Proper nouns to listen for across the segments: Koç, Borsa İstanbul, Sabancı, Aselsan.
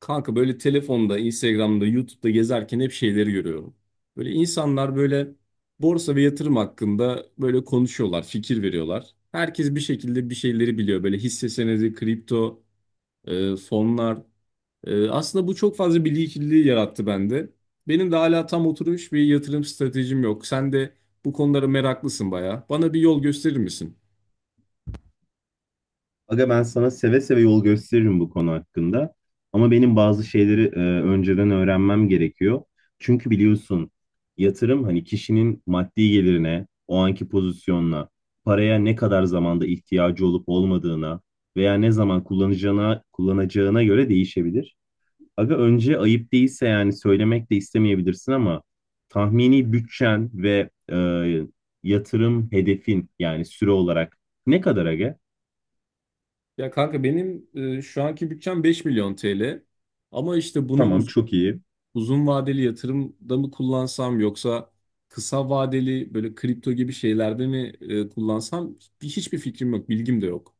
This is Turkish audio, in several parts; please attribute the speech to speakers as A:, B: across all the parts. A: Kanka böyle telefonda, Instagram'da, YouTube'da gezerken hep şeyleri görüyorum. Böyle insanlar böyle borsa ve yatırım hakkında böyle konuşuyorlar, fikir veriyorlar. Herkes bir şekilde bir şeyleri biliyor. Böyle hisse senedi, kripto, fonlar. Aslında bu çok fazla bilgi kirliliği yarattı bende. Benim de hala tam oturmuş bir yatırım stratejim yok. Sen de bu konulara meraklısın bayağı. Bana bir yol gösterir misin?
B: Aga ben sana seve seve yol gösteririm bu konu hakkında. Ama benim bazı şeyleri önceden öğrenmem gerekiyor. Çünkü biliyorsun yatırım hani kişinin maddi gelirine, o anki pozisyonuna, paraya ne kadar zamanda ihtiyacı olup olmadığına veya ne zaman kullanacağına, göre değişebilir. Aga önce ayıp değilse yani söylemek de istemeyebilirsin ama tahmini bütçen ve yatırım hedefin yani süre olarak ne kadar aga?
A: Ya kanka benim şu anki bütçem 5 milyon TL. Ama işte
B: Tamam, çok iyi.
A: uzun vadeli yatırımda mı kullansam yoksa kısa vadeli böyle kripto gibi şeylerde mi kullansam hiçbir fikrim yok, bilgim de yok.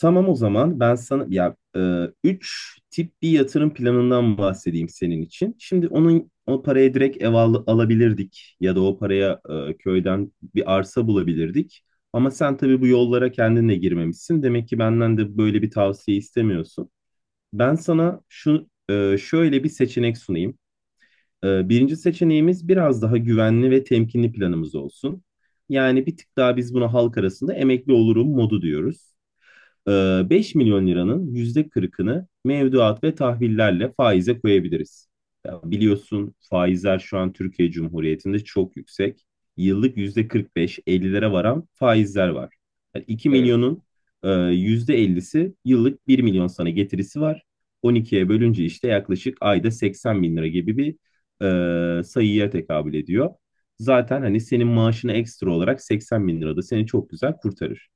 B: Tamam, o zaman ben sana ya üç tip bir yatırım planından bahsedeyim senin için. Şimdi onun o paraya direkt alabilirdik ya da o paraya köyden bir arsa bulabilirdik. Ama sen tabii bu yollara kendin de girmemişsin. Demek ki benden de böyle bir tavsiye istemiyorsun. Ben sana şöyle bir seçenek sunayım. Birinci seçeneğimiz biraz daha güvenli ve temkinli planımız olsun. Yani bir tık daha biz buna halk arasında emekli olurum modu diyoruz. 5 milyon liranın %40'ını mevduat ve tahvillerle faize koyabiliriz. Ya biliyorsun faizler şu an Türkiye Cumhuriyeti'nde çok yüksek. Yıllık %45-50'lere varan faizler var. Yani 2
A: Evet.
B: milyonun %50'si yıllık 1 milyon sana getirisi var. 12'ye bölünce işte yaklaşık ayda 80 bin lira gibi bir sayıya tekabül ediyor. Zaten hani senin maaşına ekstra olarak 80 bin lira da seni çok güzel kurtarır.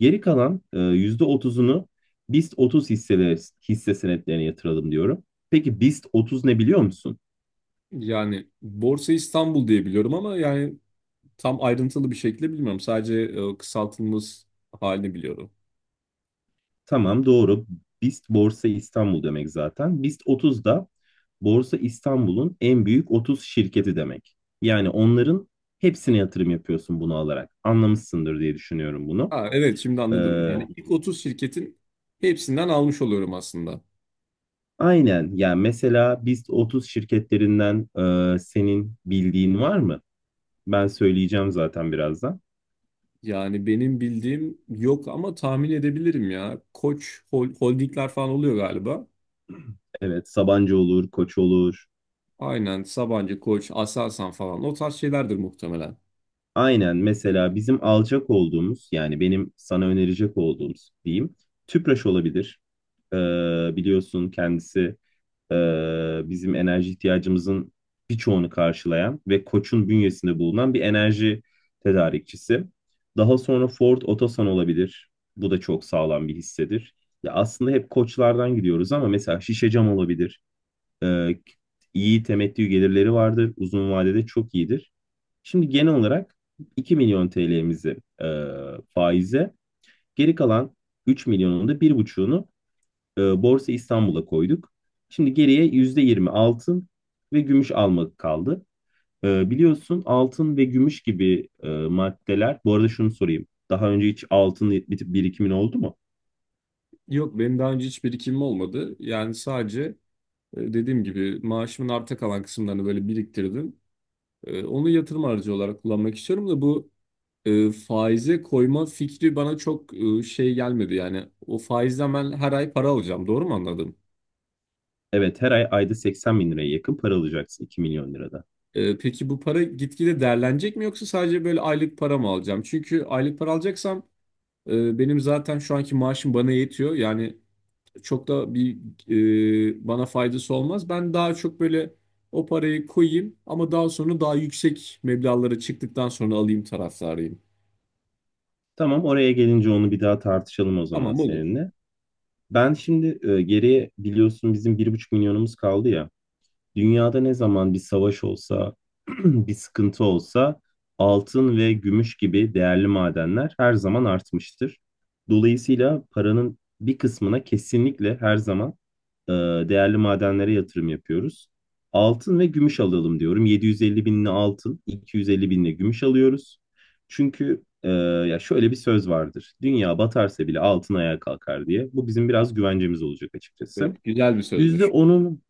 B: Geri kalan %30'unu BIST 30 hisseleri, hisse senetlerine yatıralım diyorum. Peki, BIST 30 ne biliyor musun?
A: Yani Borsa İstanbul diye biliyorum ama yani tam ayrıntılı bir şekilde bilmiyorum. Sadece kısaltılmış halini biliyorum.
B: Tamam, doğru. BIST Borsa İstanbul demek zaten. BIST 30 da Borsa İstanbul'un en büyük 30 şirketi demek. Yani onların hepsine yatırım yapıyorsun bunu alarak. Anlamışsındır diye düşünüyorum bunu.
A: Ha, evet şimdi anladım.
B: Ee,
A: Yani ilk 30 şirketin hepsinden almış oluyorum aslında.
B: aynen. Yani mesela BIST 30 şirketlerinden senin bildiğin var mı? Ben söyleyeceğim zaten birazdan.
A: Yani benim bildiğim yok ama tahmin edebilirim ya. Holdingler falan oluyor galiba.
B: Evet, Sabancı olur, Koç olur.
A: Aynen Sabancı, Koç, Aselsan falan o tarz şeylerdir muhtemelen.
B: Aynen, mesela bizim alacak olduğumuz yani benim sana önerecek olduğumuz diyeyim Tüpraş olabilir. Ee, biliyorsun kendisi e, bizim enerji ihtiyacımızın birçoğunu karşılayan ve Koç'un bünyesinde bulunan bir enerji tedarikçisi. Daha sonra Ford Otosan olabilir. Bu da çok sağlam bir hissedir. Ya aslında hep Koçlardan gidiyoruz ama mesela Şişecam olabilir. e, iyi temettü gelirleri vardır. Uzun vadede çok iyidir. Şimdi genel olarak 2 milyon TL'mizi faize, geri kalan 3 milyonun da 1,5'unu Borsa İstanbul'a koyduk. Şimdi geriye %20 altın ve gümüş almak kaldı. E, biliyorsun altın ve gümüş gibi maddeler. Bu arada şunu sorayım. Daha önce hiç altın bitip birikimin oldu mu?
A: Yok benim daha önce hiç birikimim olmadı. Yani sadece dediğim gibi maaşımın arta kalan kısımlarını böyle biriktirdim. Onu yatırım aracı olarak kullanmak istiyorum da bu faize koyma fikri bana çok şey gelmedi. Yani o faizden ben her ay para alacağım, doğru mu anladım?
B: Evet, her ay ayda 80 bin liraya yakın para alacaksın 2 milyon lirada.
A: Peki bu para gitgide değerlenecek mi yoksa sadece böyle aylık para mı alacağım? Çünkü aylık para alacaksam benim zaten şu anki maaşım bana yetiyor. Yani çok da bir bana faydası olmaz. Ben daha çok böyle o parayı koyayım ama daha sonra daha yüksek meblağlara çıktıktan sonra alayım taraftarıyım.
B: Tamam, oraya gelince onu bir daha tartışalım o zaman
A: Tamam, olur.
B: seninle. Ben şimdi geriye biliyorsun bizim bir buçuk milyonumuz kaldı ya. Dünyada ne zaman bir savaş olsa, bir sıkıntı olsa altın ve gümüş gibi değerli madenler her zaman artmıştır. Dolayısıyla paranın bir kısmına kesinlikle her zaman e, değerli madenlere yatırım yapıyoruz. Altın ve gümüş alalım diyorum. 750 binli altın, 250 binli gümüş alıyoruz. Çünkü ya şöyle bir söz vardır. Dünya batarsa bile altın ayağa kalkar diye. Bu bizim biraz güvencemiz olacak açıkçası.
A: Evet, güzel bir sözmüş.
B: %10'un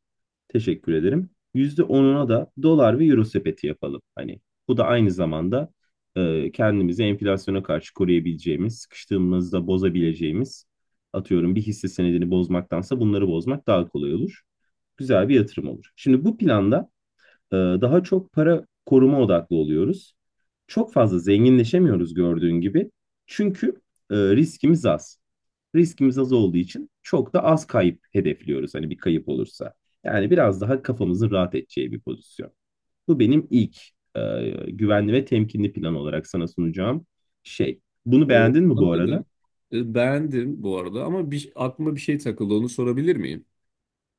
B: teşekkür ederim. Yüzde onuna da dolar ve euro sepeti yapalım. Hani bu da aynı zamanda kendimizi enflasyona karşı koruyabileceğimiz, sıkıştığımızda bozabileceğimiz, atıyorum bir hisse senedini bozmaktansa bunları bozmak daha kolay olur. Güzel bir yatırım olur. Şimdi bu planda daha çok para koruma odaklı oluyoruz. Çok fazla zenginleşemiyoruz gördüğün gibi. Çünkü e, riskimiz az riskimiz az olduğu için çok da az kayıp hedefliyoruz hani bir kayıp olursa. Yani biraz daha kafamızın rahat edeceği bir pozisyon. Bu benim ilk e, güvenli ve temkinli plan olarak sana sunacağım şey. Bunu beğendin mi bu arada?
A: Anladım. Beğendim bu arada ama bir, aklıma bir şey takıldı, onu sorabilir miyim?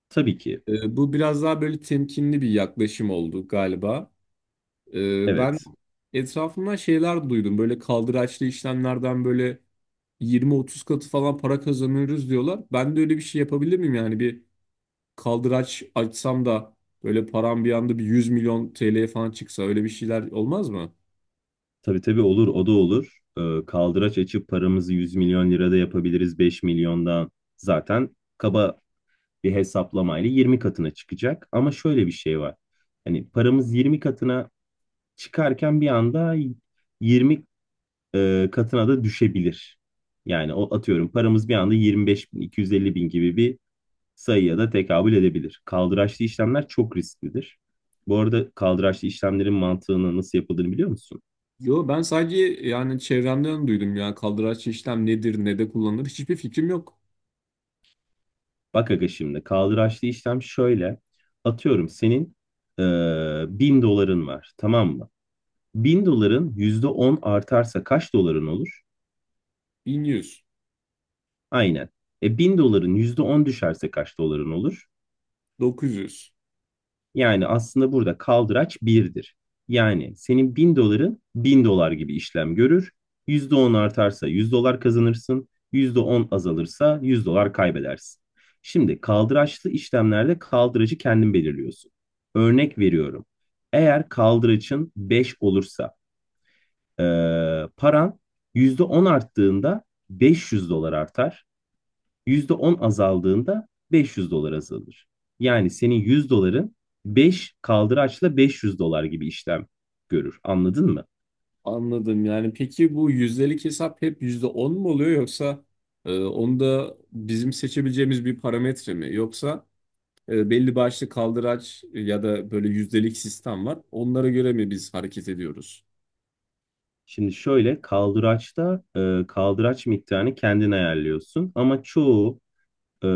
B: Tabii ki.
A: Bu biraz daha böyle temkinli bir yaklaşım oldu galiba. Ben
B: Evet.
A: etrafımdan şeyler duydum, böyle kaldıraçlı işlemlerden, böyle 20-30 katı falan para kazanıyoruz diyorlar. Ben de öyle bir şey yapabilir miyim, yani bir kaldıraç açsam da böyle param bir anda bir 100 milyon TL'ye falan çıksa, öyle bir şeyler olmaz mı?
B: Tabii tabii olur, o da olur. E, kaldıraç açıp paramızı 100 milyon lirada yapabiliriz 5 milyondan. Zaten kaba bir hesaplamayla 20 katına çıkacak. Ama şöyle bir şey var. Hani paramız 20 katına çıkarken bir anda 20 katına da düşebilir. Yani o atıyorum paramız bir anda 25.250 bin iki yüz elli bin gibi bir sayıya da tekabül edebilir. Kaldıraçlı işlemler çok risklidir. Bu arada kaldıraçlı işlemlerin mantığını nasıl yapıldığını biliyor musun?
A: Yo, ben sadece yani çevremden duydum ya, kaldıraç işlem nedir ne de kullanılır hiçbir fikrim yok.
B: Bak aga, şimdi kaldıraçlı işlem şöyle. Atıyorum senin e, 1000 doların var, tamam mı? 1000 doların %10 artarsa kaç doların olur?
A: 1100,
B: Aynen. E, 1000 doların %10 düşerse kaç doların olur?
A: 900.
B: Yani aslında burada kaldıraç birdir. Yani senin 1000 doların 1000 dolar gibi işlem görür. %10 artarsa 100 dolar kazanırsın. %10 azalırsa 100 dolar kaybedersin. Şimdi kaldıraçlı işlemlerde kaldıracı kendin belirliyorsun. Örnek veriyorum. Eğer kaldıraçın 5 olursa paran %10 arttığında 500 dolar artar. %10 azaldığında 500 dolar azalır. Yani senin 100 doların 5 kaldıraçla 500 dolar gibi işlem görür. Anladın mı?
A: Anladım. Yani peki bu yüzdelik hesap hep %10 mu oluyor yoksa onu bizim seçebileceğimiz bir parametre mi, yoksa belli başlı kaldıraç, ya da böyle yüzdelik sistem var. Onlara göre mi biz hareket ediyoruz?
B: Şimdi şöyle, kaldıraçta kaldıraç miktarını kendin ayarlıyorsun ama çoğu e,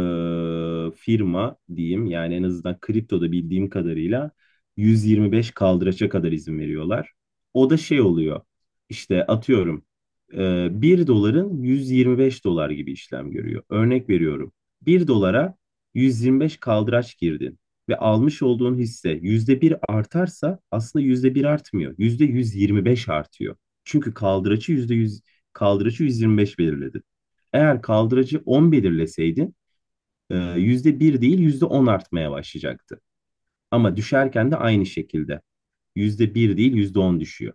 B: firma diyeyim, yani en azından kriptoda bildiğim kadarıyla 125 kaldıraça kadar izin veriyorlar. O da şey oluyor, işte atıyorum 1 doların 125 dolar gibi işlem görüyor. Örnek veriyorum, bir dolara 125 kaldıraç girdin ve almış olduğun hisse yüzde bir artarsa aslında yüzde bir artmıyor, %125 artıyor. Çünkü kaldıraçı 125 belirledi. Eğer kaldıracı 10 belirleseydin yüzde bir değil %10 artmaya başlayacaktı. Ama düşerken de aynı şekilde yüzde bir değil %10 düşüyor.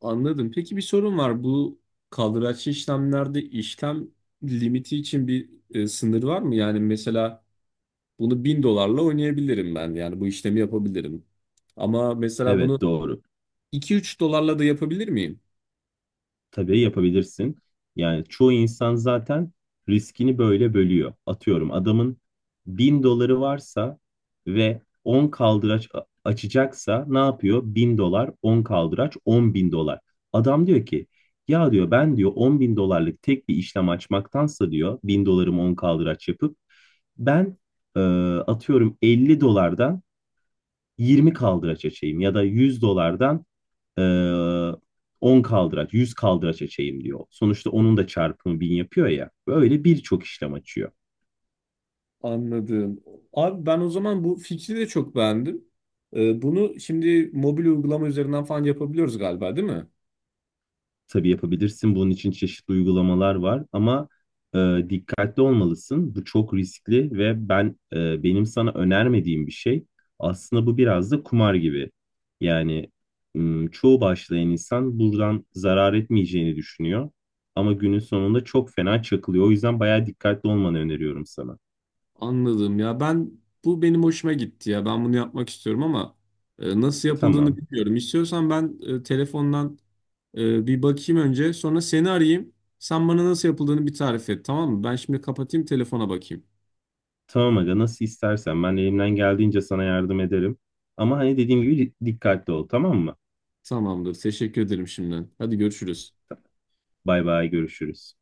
A: Anladım. Peki bir sorun var. Bu kaldıraçlı işlemlerde işlem limiti için bir sınır var mı? Yani mesela bunu 1.000 dolarla oynayabilirim ben. Yani bu işlemi yapabilirim. Ama mesela
B: Evet,
A: bunu
B: doğru.
A: iki üç dolarla da yapabilir miyim?
B: Tabii yapabilirsin. Yani çoğu insan zaten riskini böyle bölüyor. Atıyorum adamın 1000 doları varsa ve 10 açacaksa ne yapıyor? Bin dolar, 10 kaldıraç, 10 bin dolar. Adam diyor ki ya, diyor, ben diyor on bin dolarlık tek bir işlem açmaktansa diyor 1000 dolarımı 10 kaldıraç yapıp ben e, atıyorum 50 dolardan 20 kaldıraç açayım ya da 100 dolardan e, 10 kaldıraç, 100 kaldıraç açayım diyor. Sonuçta onun da çarpımı 1000 yapıyor ya. Böyle birçok işlem açıyor.
A: Anladım. Abi ben o zaman bu fikri de çok beğendim. Bunu şimdi mobil uygulama üzerinden falan yapabiliyoruz galiba, değil mi?
B: Tabii yapabilirsin. Bunun için çeşitli uygulamalar var ama e, dikkatli olmalısın. Bu çok riskli ve benim sana önermediğim bir şey. Aslında bu biraz da kumar gibi. Yani çoğu başlayan insan buradan zarar etmeyeceğini düşünüyor ama günün sonunda çok fena çakılıyor. O yüzden bayağı dikkatli olmanı öneriyorum sana.
A: Anladım ya, ben bu, benim hoşuma gitti ya, ben bunu yapmak istiyorum ama nasıl yapıldığını
B: Tamam.
A: bilmiyorum. İstiyorsan ben telefondan bir bakayım önce, sonra seni arayayım. Sen bana nasıl yapıldığını bir tarif et, tamam mı? Ben şimdi kapatayım, telefona bakayım.
B: Tamam aga, nasıl istersen ben elimden geldiğince sana yardım ederim. Ama hani dediğim gibi dikkatli ol, tamam mı?
A: Tamamdır, teşekkür ederim şimdiden. Hadi görüşürüz.
B: Bay bay, görüşürüz.